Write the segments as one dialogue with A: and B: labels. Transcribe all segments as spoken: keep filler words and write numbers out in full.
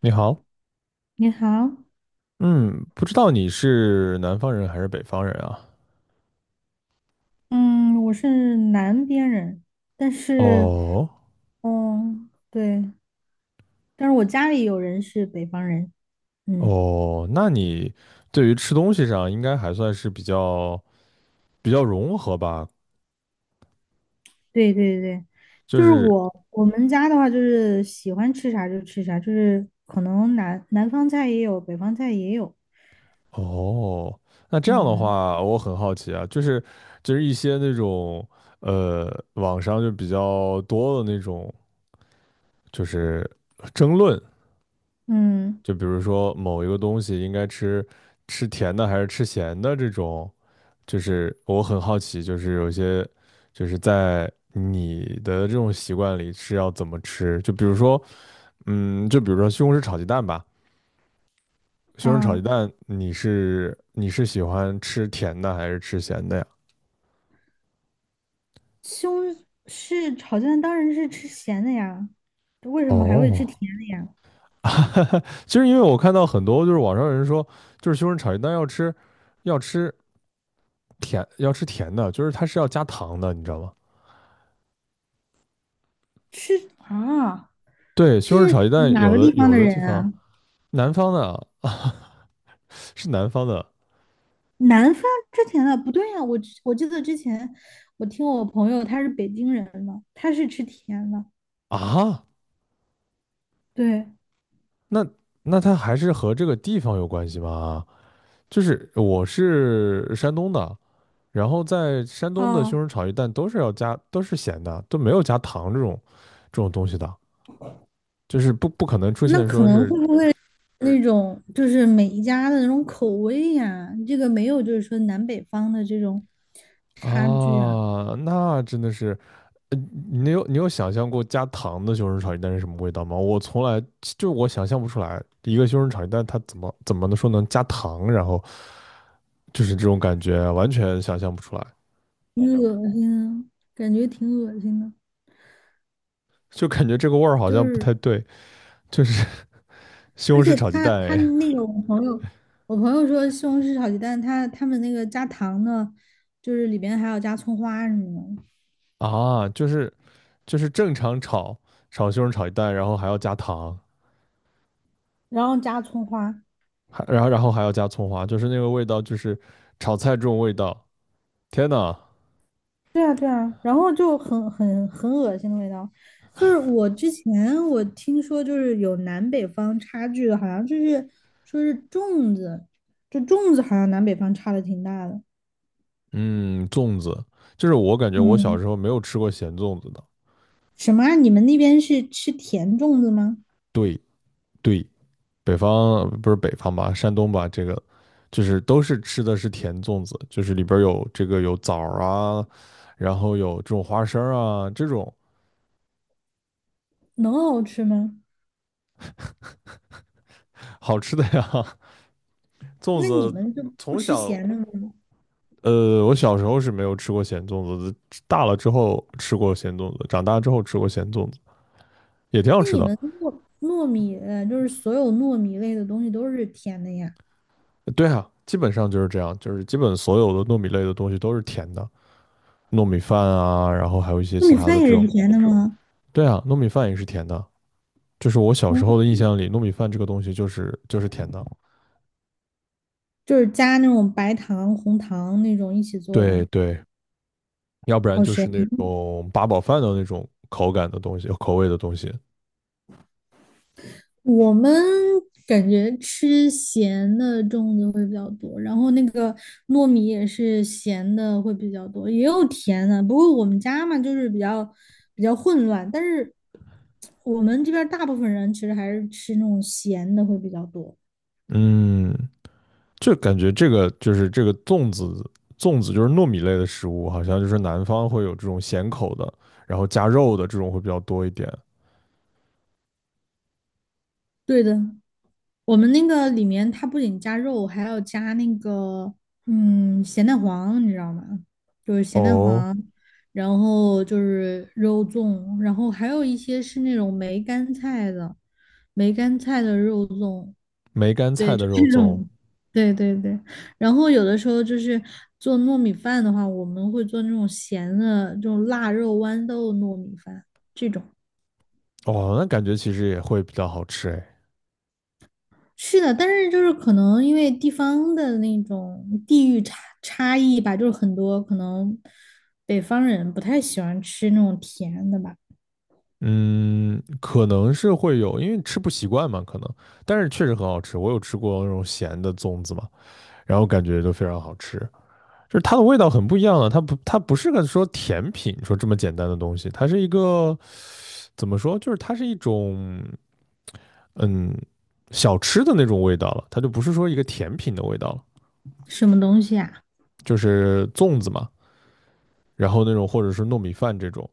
A: 你好，
B: 你好，
A: 嗯，不知道你是南方人还是北方人啊？
B: 嗯，我是南边人，但是，
A: 哦
B: 嗯，对，但是我家里有人是北方人，嗯，
A: 哦，那你对于吃东西上应该还算是比较比较融合吧？
B: 对对对，
A: 就
B: 就是
A: 是
B: 我我们家的话，就是喜欢吃啥就吃啥，就是可能南南方菜也有，北方菜也有，
A: 哦，那这样的
B: 嗯
A: 话，我很好奇啊，就是就是一些那种呃，网上就比较多的那种，就是争论，
B: 嗯
A: 就比如说某一个东西应该吃吃甜的还是吃咸的这种。就是我很好奇，就是有些就是在你的这种习惯里是要怎么吃？就比如说，嗯，就比如说西红柿炒鸡蛋吧，西红柿炒鸡
B: 啊，
A: 蛋，你是你是喜欢吃甜的还是吃咸的呀？
B: 西红柿炒蛋当然是吃咸的呀，为什么还会吃甜
A: 哦，
B: 的呀？
A: 其实因为我看到很多就是网上有人说，就是西红柿炒鸡蛋要吃要吃甜要吃甜的，就是它是要加糖的，你知道吗？
B: 吃啊，
A: 对，西红柿
B: 这
A: 炒
B: 是
A: 鸡蛋
B: 哪
A: 有
B: 个
A: 的
B: 地方
A: 有
B: 的
A: 的
B: 人
A: 地方
B: 啊？
A: 南方的啊，是南方的
B: 南方吃甜的不对呀、我之我记得之前我听我朋友他是北京人嘛，他是吃甜的。
A: 啊。
B: 对，
A: 那那它还是和这个地方有关系吗？就是我是山东的，然后在山东的西
B: 哦，
A: 红柿炒鸡蛋都是要加，都是咸的，都没有加糖这种这种东西的，就是不不可能出
B: 那
A: 现
B: 可
A: 说
B: 能
A: 是
B: 会不会那种就是每一家的那种口味呀、这个没有就是说南北方的这种差距啊，
A: 啊，那真的是，呃你有你有想象过加糖的西红柿炒鸡蛋是什么味道吗？我从来就我想象不出来，一个西红柿炒鸡蛋它怎么怎么能说能加糖，然后就是这种感觉完全想象不出来，
B: 挺恶心的，感觉挺恶心的。
A: 就感觉这个味儿好
B: 就
A: 像不
B: 是
A: 太对。就是 西
B: 而
A: 红柿
B: 且
A: 炒鸡
B: 他
A: 蛋
B: 他
A: 哎
B: 那个我朋友，我朋友说西红柿炒鸡蛋，他他们那个加糖的，就是里边还要加葱花什么的。
A: 啊，就是就是正常炒炒西红柿炒鸡蛋，然后还要加糖，
B: 然后加葱花，
A: 还然后然后还要加葱花，就是那个味道，就是炒菜这种味道。天呐，
B: 对啊对啊，然后就很很很恶心的味道。就是我之前我听说，就是有南北方差距的，好像就是说是粽子，就粽子好像南北方差的挺大的。
A: 嗯，粽子，就是我感觉我小
B: 嗯，
A: 时候没有吃过咸粽子的。
B: 什么啊？你们那边是吃甜粽子吗？
A: 对对，北方不是北方吧，山东吧，这个就是都是吃的是甜粽子，就是里边有这个有枣啊，然后有这种花生啊，这种
B: 能好吃吗？
A: 好吃的呀。粽
B: 那你
A: 子
B: 们就不
A: 从
B: 吃
A: 小，
B: 咸的吗？
A: 呃，我小时候是没有吃过咸粽子的，大了之后吃过咸粽子，长大之后吃过咸粽子，也挺好
B: 那
A: 吃
B: 你
A: 的。
B: 们糯糯米，呃，就是所有糯米类的东西都是甜的呀？
A: 对啊，基本上就是这样，就是基本所有的糯米类的东西都是甜的，糯米饭啊，然后还有一些
B: 糯
A: 其
B: 米
A: 他的
B: 饭
A: 这
B: 也是
A: 种。
B: 甜的吗？
A: 对啊，糯米饭也是甜的，就是我小时候的印象里，糯米饭这个东西就是就是甜的。
B: 就是加那种白糖、红糖那种一起做
A: 对
B: 的，
A: 对，要不然
B: 好
A: 就是
B: 神。
A: 那种八宝饭的那种口感的东西，口味的东西。
B: 我们感觉吃咸的粽子会比较多，然后那个糯米也是咸的会比较多，也有甜的。不过我们家嘛，就是比较比较混乱，但是我们这边儿大部分人其实还是吃那种咸的会比较多。
A: 嗯，就感觉这个就是这个粽子，粽子就是糯米类的食物，好像就是南方会有这种咸口的，然后加肉的这种会比较多一点。
B: 对的，我们那个里面它不仅加肉，还要加那个嗯咸蛋黄，你知道吗？就是咸蛋
A: 哦，
B: 黄，然后就是肉粽，然后还有一些是那种梅干菜的，梅干菜的肉粽，
A: 梅干
B: 对，
A: 菜的
B: 就这
A: 肉粽，
B: 种，对对对。然后有的时候就是做糯米饭的话，我们会做那种咸的，这种腊肉豌豆糯米饭这种。
A: 哦，那感觉其实也会比较好吃哎。
B: 是的，但是就是可能因为地方的那种地域差差异吧，就是很多可能北方人不太喜欢吃那种甜的吧，
A: 嗯，可能是会有，因为吃不习惯嘛，可能，但是确实很好吃。我有吃过那种咸的粽子嘛，然后感觉都非常好吃，就是它的味道很不一样了。它不，它不是个说甜品说这么简单的东西，它是一个怎么说？就是它是一种嗯小吃的那种味道了，它就不是说一个甜品的味道了，
B: 什么东西啊？
A: 就是粽子嘛，然后那种或者是糯米饭这种，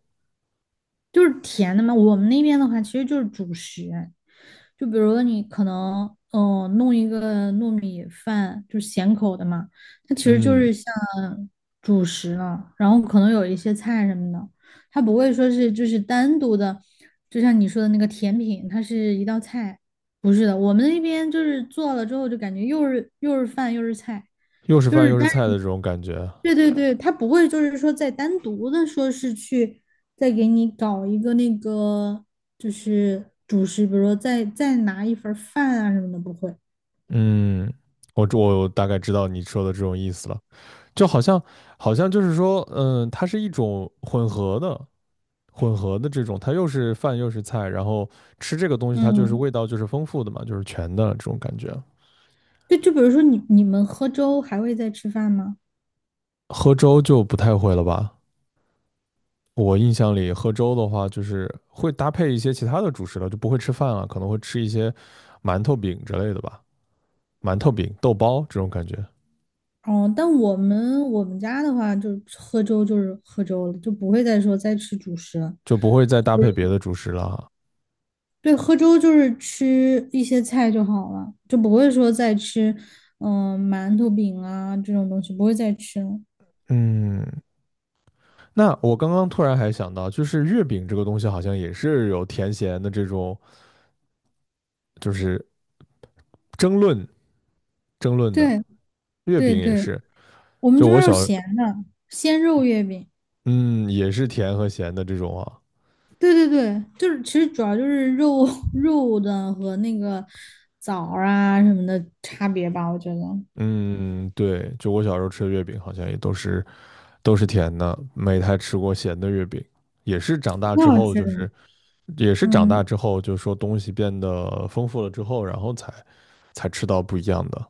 B: 就是甜的嘛。我们那边的话，其实就是主食，就比如说你可能嗯、呃弄一个糯米饭，就是咸口的嘛，它其实就
A: 嗯，
B: 是像主食了，然后可能有一些菜什么的，它不会说是就是单独的，就像你说的那个甜品，它是一道菜。不是的，我们那边就是做了之后就感觉又是又是饭又是菜，
A: 又是
B: 就
A: 饭
B: 是
A: 又是
B: 但。
A: 菜的这种感觉，
B: 对对对，他不会就是说再单独的说是去再给你搞一个那个就是主食，比如说再再拿一份儿饭啊什么的，不会。
A: 嗯，我我大概知道你说的这种意思了，就好像好像就是说，嗯，它是一种混合的。混合的这种，它又是饭又是菜，然后吃这个东西它就是
B: 嗯，
A: 味道就是丰富的嘛，就是全的这种感觉。
B: 对，就比如说你你们喝粥还会再吃饭吗？
A: 喝粥就不太会了吧？我印象里喝粥的话，就是会搭配一些其他的主食了，就不会吃饭了，可能会吃一些馒头饼之类的吧，馒头饼、豆包这种感觉，
B: 哦，但我们我们家的话，就喝粥就是喝粥了，就不会再说再吃主食了。
A: 就不会再搭配别的主食了。
B: 对，喝粥就是吃一些菜就好了，就不会说再吃嗯、馒头饼啊这种东西，不会再吃了。
A: 嗯，那我刚刚突然还想到，就是月饼这个东西好像也是有甜咸的这种，就是争论争论的，
B: 对
A: 月
B: 对
A: 饼也
B: 对。
A: 是，
B: 我们
A: 就
B: 这
A: 我
B: 边儿有
A: 小，
B: 咸的，鲜肉月饼。
A: 嗯，也是甜和咸的这种啊。
B: 对对对，就是其实主要就是肉 肉的和那个枣儿啊什么的差别吧，我觉得
A: 嗯，对，就我小时候吃的月饼好像也都是都是甜的，没太吃过咸的月饼。也是长大
B: 挺
A: 之
B: 好
A: 后，
B: 吃
A: 就
B: 的。
A: 是也是长
B: 嗯，
A: 大之后，就是说东西变得丰富了之后，然后才才吃到不一样的。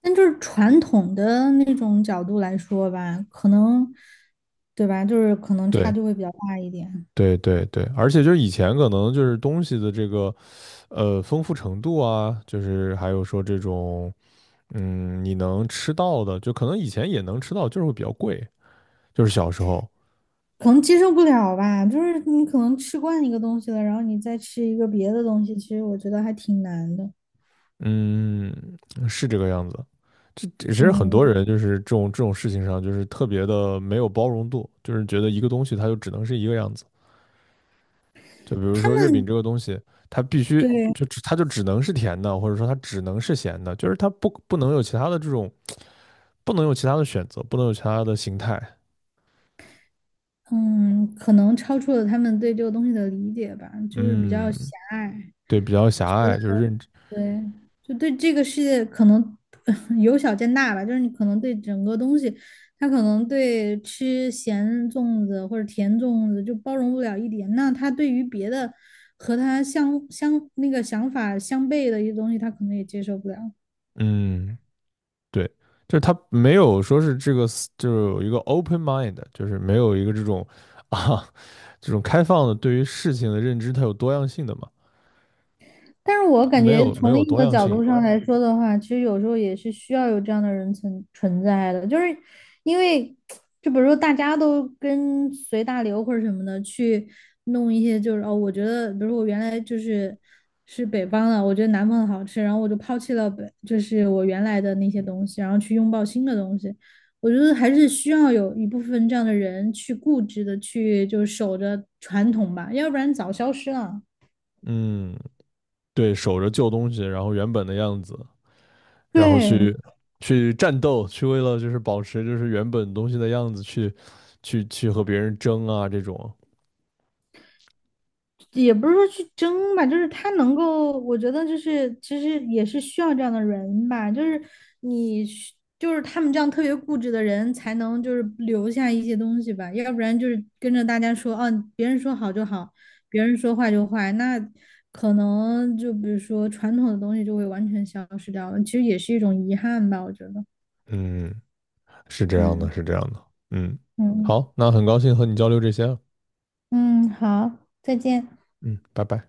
B: 但就是传统的那种角度来说吧，可能对吧，就是可能差
A: 对，
B: 距会比较大一点，
A: 对，对，对，而且就是以前可能就是东西的这个呃丰富程度啊，就是还有说这种嗯你能吃到的，就可能以前也能吃到，就是会比较贵，就是小时候，
B: 可能接受不了吧。就是你可能吃惯一个东西了，然后你再吃一个别的东西，其实我觉得还挺难的。
A: 嗯，是这个样子。这其实很多
B: 嗯，
A: 人就是这种这种事情上，就是特别的没有包容度，就是觉得一个东西它就只能是一个样子。就比如
B: 他
A: 说月
B: 们
A: 饼这个东西，它必须
B: 对。
A: 就只它就只能是甜的，或者说它只能是咸的，就是它不不能有其他的这种，不能有其他的选择，不能有其他的形态。
B: 嗯，可能超出了他们对这个东西的理解吧，就是比较狭
A: 嗯，
B: 隘，
A: 对，比较狭隘，就是认知，
B: 对，就对这个世界可能 由小见大吧，就是你可能对整个东西，他可能对吃咸粽子或者甜粽子就包容不了一点，那他对于别的和他相相那个想法相悖的一些东西，他可能也接受不了。
A: 嗯，对，就是它没有说是这个，就是有一个 open mind，就是没有一个这种 啊这种开放的对于事情的认知，它有多样性的嘛。
B: 但是我感
A: 没
B: 觉
A: 有没
B: 从
A: 有
B: 另一
A: 多
B: 个
A: 样
B: 角
A: 性。
B: 度上来说的话，其实有时候也是需要有这样的人存存在的，就是因为就比如说大家都跟随大流或者什么的去弄一些，就是哦，我觉得比如说我原来就是是北方的，我觉得南方的好吃，然后我就抛弃了北，就是我原来的那些东西，然后去拥抱新的东西。我觉得还是需要有一部分这样的人去固执的去就守着传统吧，要不然早消失了。
A: 嗯，对，守着旧东西，然后原本的样子，然后
B: 对，
A: 去去战斗，去为了就是保持就是原本东西的样子去去去和别人争啊这种。
B: 也不是说去争吧，就是他能够，我觉得就是其实也是需要这样的人吧，就是你需就是他们这样特别固执的人才能就是留下一些东西吧，要不然就是跟着大家说，啊，别人说好就好，别人说坏就坏，那可能就比如说传统的东西就会完全消失掉了，其实也是一种遗憾吧，我觉得，
A: 嗯，是这样的，是
B: 嗯
A: 这样的。嗯，
B: 嗯
A: 好，那很高兴和你交流这些了。
B: 嗯，好，再见。
A: 嗯，拜拜。